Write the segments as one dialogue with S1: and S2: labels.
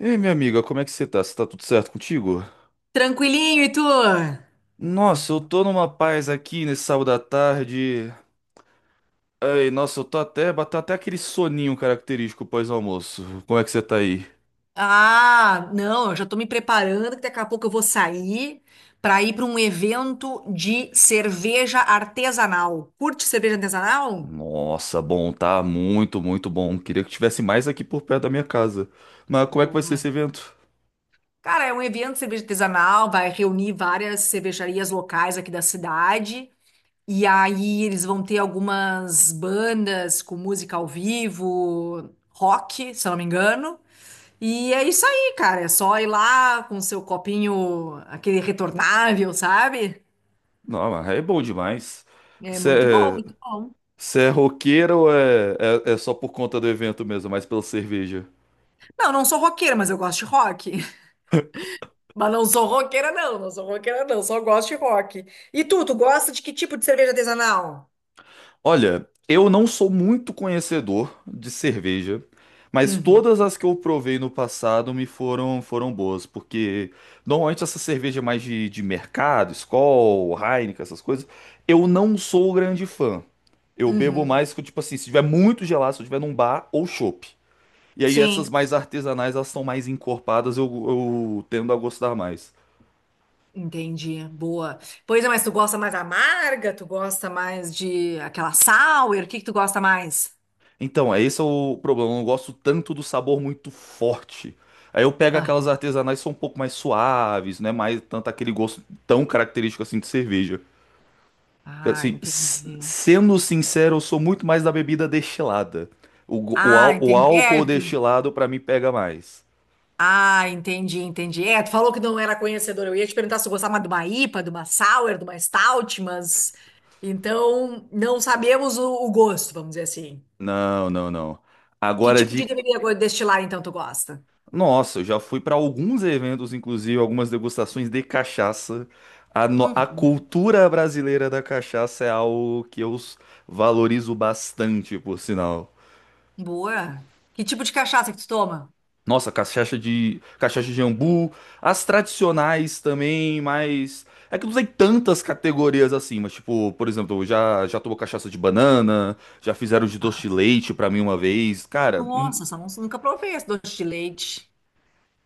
S1: Ei, minha amiga, como é que você tá? Você tá tudo certo contigo?
S2: Tranquilinho, e tu?
S1: Nossa, eu tô numa paz aqui nesse sábado à tarde. Ai, nossa, eu tô até, bateu até aquele soninho característico pós-almoço. Como é que você tá aí?
S2: Ah, não, eu já tô me preparando que daqui a pouco eu vou sair pra ir pra um evento de cerveja artesanal. Curte cerveja artesanal?
S1: Nossa, bom, tá muito, muito bom. Queria que tivesse mais aqui por perto da minha casa. Mas como é que vai ser
S2: Boa.
S1: esse evento?
S2: Cara, é um evento de cerveja artesanal, vai reunir várias cervejarias locais aqui da cidade. E aí eles vão ter algumas bandas com música ao vivo, rock, se eu não me engano. E é isso aí, cara. É só ir lá com seu copinho, aquele retornável, sabe?
S1: Não, mas é bom demais.
S2: É
S1: Você
S2: muito bom,
S1: é,
S2: muito bom.
S1: você é roqueira ou é só por conta do evento mesmo, mais pela cerveja?
S2: Não, não sou roqueira, mas eu gosto de rock. Mas não sou roqueira, não. Não sou roqueira, não. Só gosto de rock. E tu gosta de que tipo de cerveja artesanal?
S1: Olha, eu não sou muito conhecedor de cerveja, mas
S2: Uhum,
S1: todas as que eu provei no passado me foram boas, porque normalmente essa cerveja mais de mercado, Skol, Heineken, essas coisas, eu não sou grande fã. Eu bebo
S2: uhum.
S1: mais que, tipo assim, se tiver muito gelado, se eu tiver num bar ou chopp. E aí essas
S2: Sim,
S1: mais artesanais, elas são mais encorpadas, eu tendo a gostar mais.
S2: entendi. Boa. Pois é, mas tu gosta mais amarga? Tu gosta mais de aquela sour? O que que tu gosta mais?
S1: Então, é esse é o problema. Eu não gosto tanto do sabor muito forte. Aí eu pego
S2: Ah,
S1: aquelas artesanais que são um pouco mais suaves, não é mais tanto aquele gosto tão característico assim de cerveja.
S2: ah,
S1: Assim,
S2: entendi.
S1: sendo sincero, eu sou muito mais da bebida destilada. O, go- o,
S2: Ah,
S1: ál- o
S2: entendi. É,
S1: álcool destilado pra mim pega mais.
S2: Ah, entendi, entendi. É, tu falou que não era conhecedora. Eu ia te perguntar se tu gostava de uma IPA, de uma Sour, de uma Stout, mas então não sabemos o gosto, vamos dizer assim.
S1: Não, não, não.
S2: Que
S1: Agora
S2: tipo de
S1: de
S2: destilar então tu gosta?
S1: Nossa, eu já fui para alguns eventos, inclusive algumas degustações de cachaça. A, no- a
S2: Uhum.
S1: cultura brasileira da cachaça é algo que eu valorizo bastante, por sinal.
S2: Boa. Que tipo de cachaça que tu toma?
S1: Nossa, cachaça de jambu, as tradicionais também, mas é que não tem tantas categorias assim, mas tipo, por exemplo, eu já tomou cachaça de banana, já fizeram de doce
S2: Ah,
S1: de leite pra mim uma vez. Cara,
S2: Nossa, essa não, nunca provei esse doce de leite.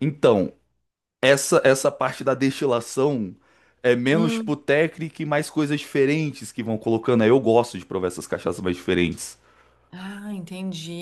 S1: então essa parte da destilação é menos pro
S2: Hum.
S1: técnico e mais coisas diferentes que vão colocando. Aí eu gosto de provar essas cachaças mais diferentes.
S2: Ah, entendi.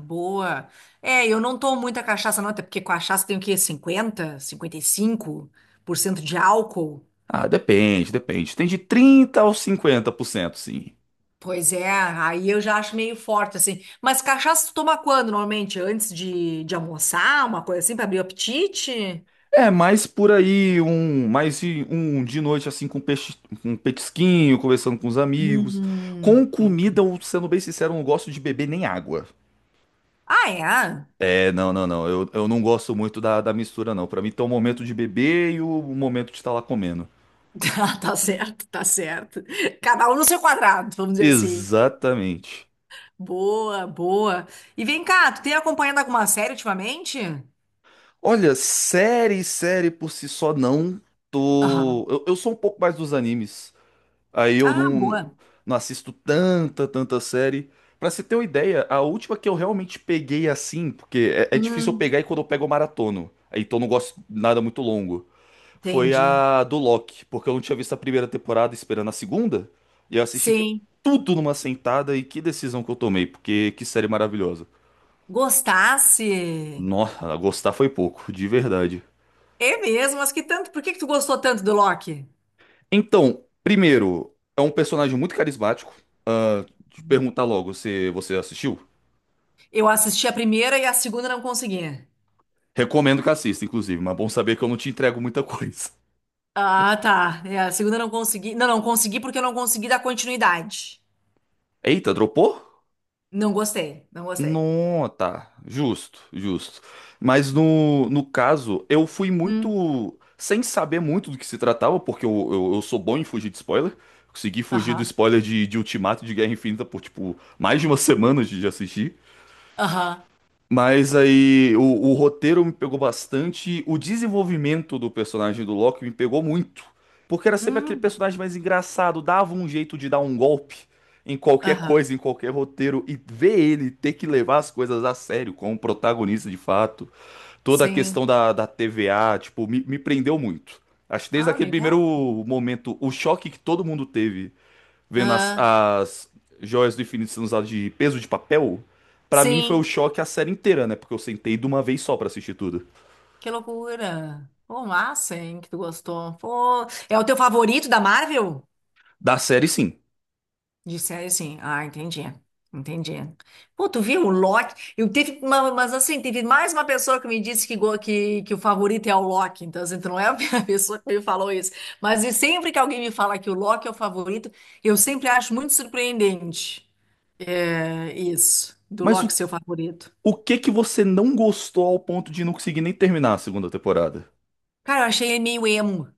S2: Boa. É, eu não tomo muita cachaça, não, até porque cachaça tem o quê? Cinquenta, cinquenta e cinco por cento de álcool.
S1: Ah, depende, depende. Tem de 30 aos cento sim.
S2: Pois é, aí eu já acho meio forte, assim. Mas cachaça tu toma quando, normalmente? Antes de almoçar, uma coisa assim, pra abrir o apetite?
S1: É, mais por aí, um de noite assim com peixe, um petisquinho, conversando com os amigos. Com comida,
S2: Entendi.
S1: eu, sendo bem sincero, eu não gosto de beber nem água.
S2: Ah, é?
S1: É, não, não, não. Eu não gosto muito da mistura, não. Pra mim, tem o momento de beber e o momento de estar lá comendo.
S2: Tá, tá certo, tá certo. Cada um no seu quadrado, vamos dizer assim.
S1: Exatamente.
S2: Boa, boa. E vem cá, tu tem acompanhado alguma série ultimamente?
S1: Olha, série, série por si só não
S2: Aham.
S1: tô. Eu sou um pouco mais dos animes. Aí eu
S2: Ah,
S1: não,
S2: boa.
S1: não assisto tanta, tanta série. Pra você ter uma ideia, a última que eu realmente peguei assim, porque é difícil eu
S2: Hum,
S1: pegar e quando eu pego eu maratono. Aí então eu não gosto de nada muito longo. Foi
S2: entendi.
S1: a do Loki, porque eu não tinha visto a primeira temporada esperando a segunda. E eu assisti
S2: Sim.
S1: tudo numa sentada e que decisão que eu tomei, porque que série maravilhosa.
S2: Gostasse?
S1: Nossa, gostar foi pouco, de verdade.
S2: É mesmo, mas que tanto? Por que que tu gostou tanto do Loki?
S1: Então, primeiro, é um personagem muito carismático. Te perguntar logo se você assistiu.
S2: Eu assisti a primeira e a segunda não consegui.
S1: Recomendo que assista, inclusive, mas é bom saber que eu não te entrego muita coisa.
S2: Ah, tá. É, a segunda não consegui. Não, não consegui porque eu não consegui dar continuidade.
S1: Eita, dropou?
S2: Não gostei, não gostei.
S1: Não, tá. Justo, justo. Mas no caso, eu fui
S2: Hum.
S1: muito. Sem saber muito do que se tratava, porque eu sou bom em fugir de spoiler. Consegui fugir do
S2: Aham,
S1: spoiler de Ultimato e de Guerra Infinita por, tipo, mais de uma semana de assistir.
S2: aham.
S1: Mas aí o roteiro me pegou bastante, o desenvolvimento do personagem do Loki me pegou muito, porque era sempre aquele
S2: Hum,
S1: personagem mais engraçado, dava um jeito de dar um golpe em qualquer
S2: aham.
S1: coisa, em qualquer roteiro, e ver ele ter que levar as coisas a sério como protagonista de fato, toda a
S2: Sim.
S1: questão da TVA, tipo, me prendeu muito. Acho que desde
S2: Ah,
S1: aquele
S2: legal.
S1: primeiro momento, o choque que todo mundo teve vendo as,
S2: Ah,
S1: as joias do infinito sendo usadas de peso de papel, pra mim foi o
S2: sim.
S1: choque a série inteira, né? Porque eu sentei de uma vez só pra assistir tudo.
S2: Que loucura. Pô, massa, hein, que tu gostou. Pô, é o teu favorito da Marvel?
S1: Da série, sim.
S2: De série, sim. Ah, entendi. Entendi. Pô, tu viu o Loki? Eu teve uma- mas assim, teve mais uma pessoa que me disse que o favorito é o Loki. Então, assim, tu não é a primeira pessoa que me falou isso. Mas e sempre que alguém me fala que o Loki é o favorito, eu sempre acho muito surpreendente. É, isso, do
S1: Mas o,
S2: Loki ser o favorito.
S1: o que que você não gostou ao ponto de não conseguir nem terminar a segunda temporada?
S2: Cara, eu achei ele meio emo.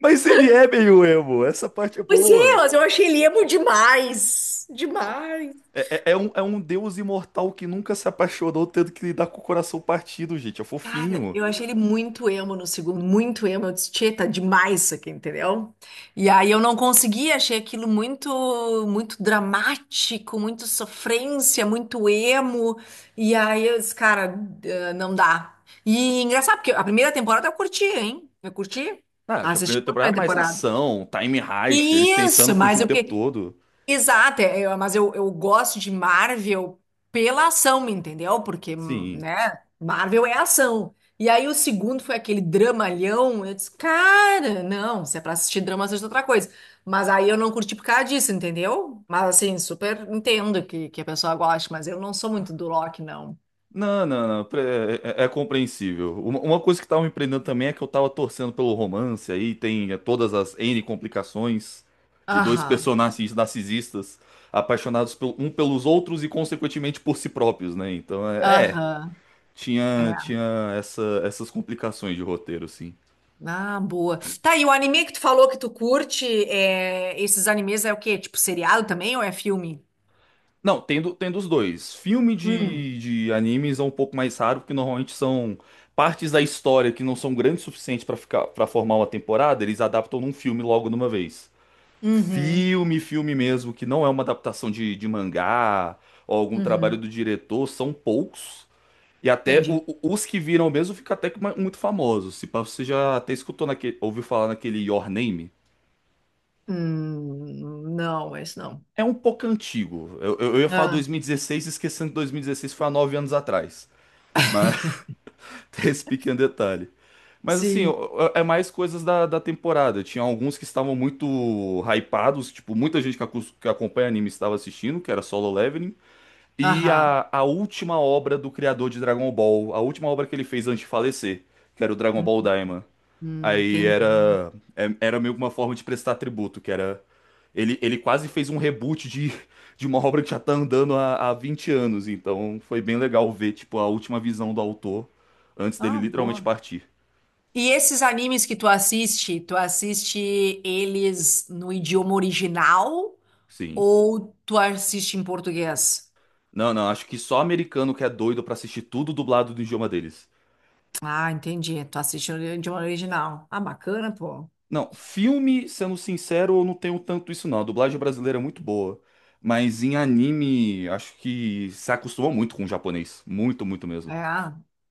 S1: Mas ele é meio emo, essa parte é
S2: Pois é,
S1: boa.
S2: mas eu achei ele emo demais. Demais.
S1: É um deus imortal que nunca se apaixonou, tendo que lidar com o coração partido, gente. É
S2: Cara,
S1: fofinho.
S2: eu achei ele muito emo no segundo, muito emo. Eu disse, tchê, tá demais isso aqui, entendeu? E aí eu não consegui, achei aquilo muito, muito dramático, muito sofrência, muito emo. E aí eu disse, cara, não dá. E engraçado, porque a primeira temporada eu curti, hein? Eu curti.
S1: Ah, que a
S2: Assisti
S1: primeira
S2: toda a
S1: temporada é
S2: primeira
S1: mais
S2: temporada.
S1: ação, time heist, eles tentando
S2: Isso,
S1: fugir
S2: mas
S1: o
S2: eu
S1: tempo
S2: fiquei,
S1: todo.
S2: exato, é, mas eu gosto de Marvel pela ação, entendeu? Porque,
S1: Sim.
S2: né, Marvel é ação. E aí o segundo foi aquele dramalhão, eu disse, cara, não, se é pra assistir drama, assista outra coisa. Mas aí eu não curti por causa disso, entendeu? Mas assim, super entendo que a pessoa goste, mas eu não sou muito do Loki, não.
S1: Não, não, não. É compreensível. Uma coisa que tava me prendendo também é que eu tava torcendo pelo romance, aí tem todas as N complicações de dois
S2: Aham,
S1: personagens narcisistas apaixonados um pelos outros e, consequentemente, por si próprios, né? Então,
S2: aham. É.
S1: tinha essas complicações de roteiro, sim.
S2: Ah, boa. Tá, e o anime que tu falou que tu curte, é, esses animes é o quê? Tipo seriado também ou é filme?
S1: Não, tem dos dois. Filme
S2: Hum.
S1: de animes é um pouco mais raro, porque normalmente são partes da história que não são grandes o suficiente pra ficar, para formar uma temporada, eles adaptam num filme logo de uma vez.
S2: Uhum,
S1: Filme, filme mesmo, que não é uma adaptação de mangá ou algum trabalho
S2: uhum,
S1: do diretor, são poucos. E até o-
S2: entendi.
S1: o- os que viram mesmo fica até que muito famosos. Se pá, você já até escutou naquele, ouviu falar naquele Your Name?
S2: Não, mas não.
S1: É um pouco antigo. Eu ia falar
S2: Ah,
S1: 2016, esquecendo que 2016 foi há 9 anos atrás. Mas tem esse pequeno detalhe. Mas assim,
S2: sim,
S1: é mais coisas da temporada. Tinha alguns que estavam muito hypados, tipo, muita gente que, que acompanha anime estava assistindo, que era Solo Leveling. E
S2: aham.
S1: a última obra do criador de Dragon Ball, a última obra que ele fez antes de falecer, que era o Dragon
S2: Hum,
S1: Ball Daima. Aí
S2: entendi.
S1: era meio que uma forma de prestar tributo, que era. Ele quase fez um reboot de uma obra que já tá andando há 20 anos, então foi bem legal ver, tipo, a última visão do autor antes dele
S2: Ah,
S1: literalmente
S2: boa.
S1: partir.
S2: E esses animes que tu assiste eles no idioma original
S1: Sim.
S2: ou tu assiste em português?
S1: Não, não, acho que só americano que é doido pra assistir tudo dublado do idioma deles.
S2: Ah, entendi. Tu assiste no idioma original. Ah, bacana, pô.
S1: Não, filme, sendo sincero, eu não tenho tanto isso não. A dublagem brasileira é muito boa. Mas em anime, acho que se acostuma muito com o japonês. Muito, muito mesmo.
S2: É.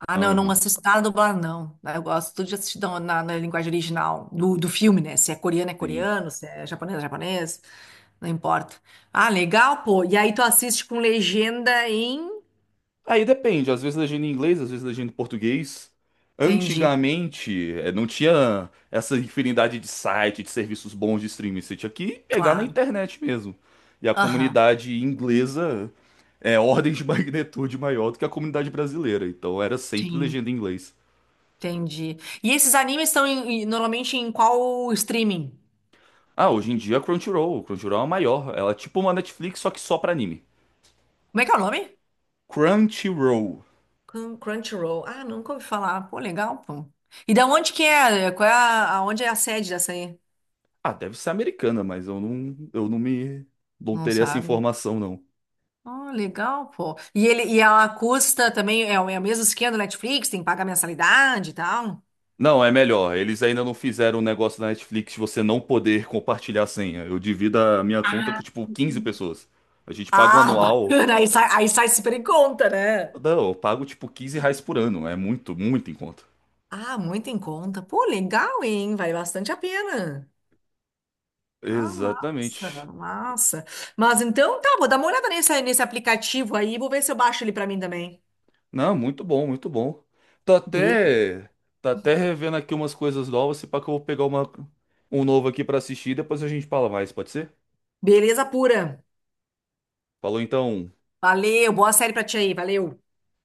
S2: Ah, não, eu não
S1: Aham,
S2: assisto nada dublado, não. Eu gosto tudo de assistir na, na linguagem original do, do filme, né? Se é coreano, é
S1: sim.
S2: coreano, se é japonês, é japonês, não importa. Ah, legal, pô. E aí tu assiste com legenda em.
S1: Aí depende, às vezes legenda em inglês, às vezes legenda em português.
S2: Entendi,
S1: Antigamente, não tinha essa infinidade de sites, de serviços bons de streaming. Você tinha que pegar na
S2: claro.
S1: internet mesmo. E a
S2: Aham,
S1: comunidade inglesa é ordens de magnitude maior do que a comunidade brasileira. Então era sempre
S2: sim,
S1: legenda em inglês.
S2: entendi. E esses animes estão normalmente em qual streaming?
S1: Ah, hoje em dia é Crunchyroll. Crunchyroll é a maior. Ela é tipo uma Netflix, só que só pra anime.
S2: Como é que é o nome?
S1: Crunchyroll.
S2: Crunchyroll. Ah, nunca ouvi falar. Pô, legal, pô. E da onde que é? Qual é a, aonde é a sede dessa aí?
S1: Ah, deve ser americana, mas eu não me, não
S2: Não
S1: teria essa
S2: sabe.
S1: informação, não.
S2: Oh, legal, pô. E ele e ela custa também, é o, é o mesmo esquema do Netflix, tem que pagar mensalidade e tal.
S1: Não, é melhor. Eles ainda não fizeram um negócio da Netflix de você não poder compartilhar a senha. Eu divido a minha conta com, tipo, 15 pessoas. A gente paga um
S2: Ah,
S1: anual.
S2: bacana, aí sai super em conta, né?
S1: Não, eu pago, tipo, R$ 15 por ano. É muito, muito em conta.
S2: Ah, muito em conta. Pô, legal, hein? Vale bastante a pena. Ah, massa,
S1: Exatamente.
S2: massa. Mas então tá, vou dar uma olhada nesse, nesse aplicativo aí, vou ver se eu baixo ele pra mim também.
S1: Não, muito bom, muito bom. Tô
S2: Bele-
S1: até, tô até revendo aqui umas coisas novas, se pá que eu vou pegar um novo aqui pra assistir, depois a gente fala mais, pode ser?
S2: Beleza pura.
S1: Falou então,
S2: Valeu, boa série pra ti aí, valeu.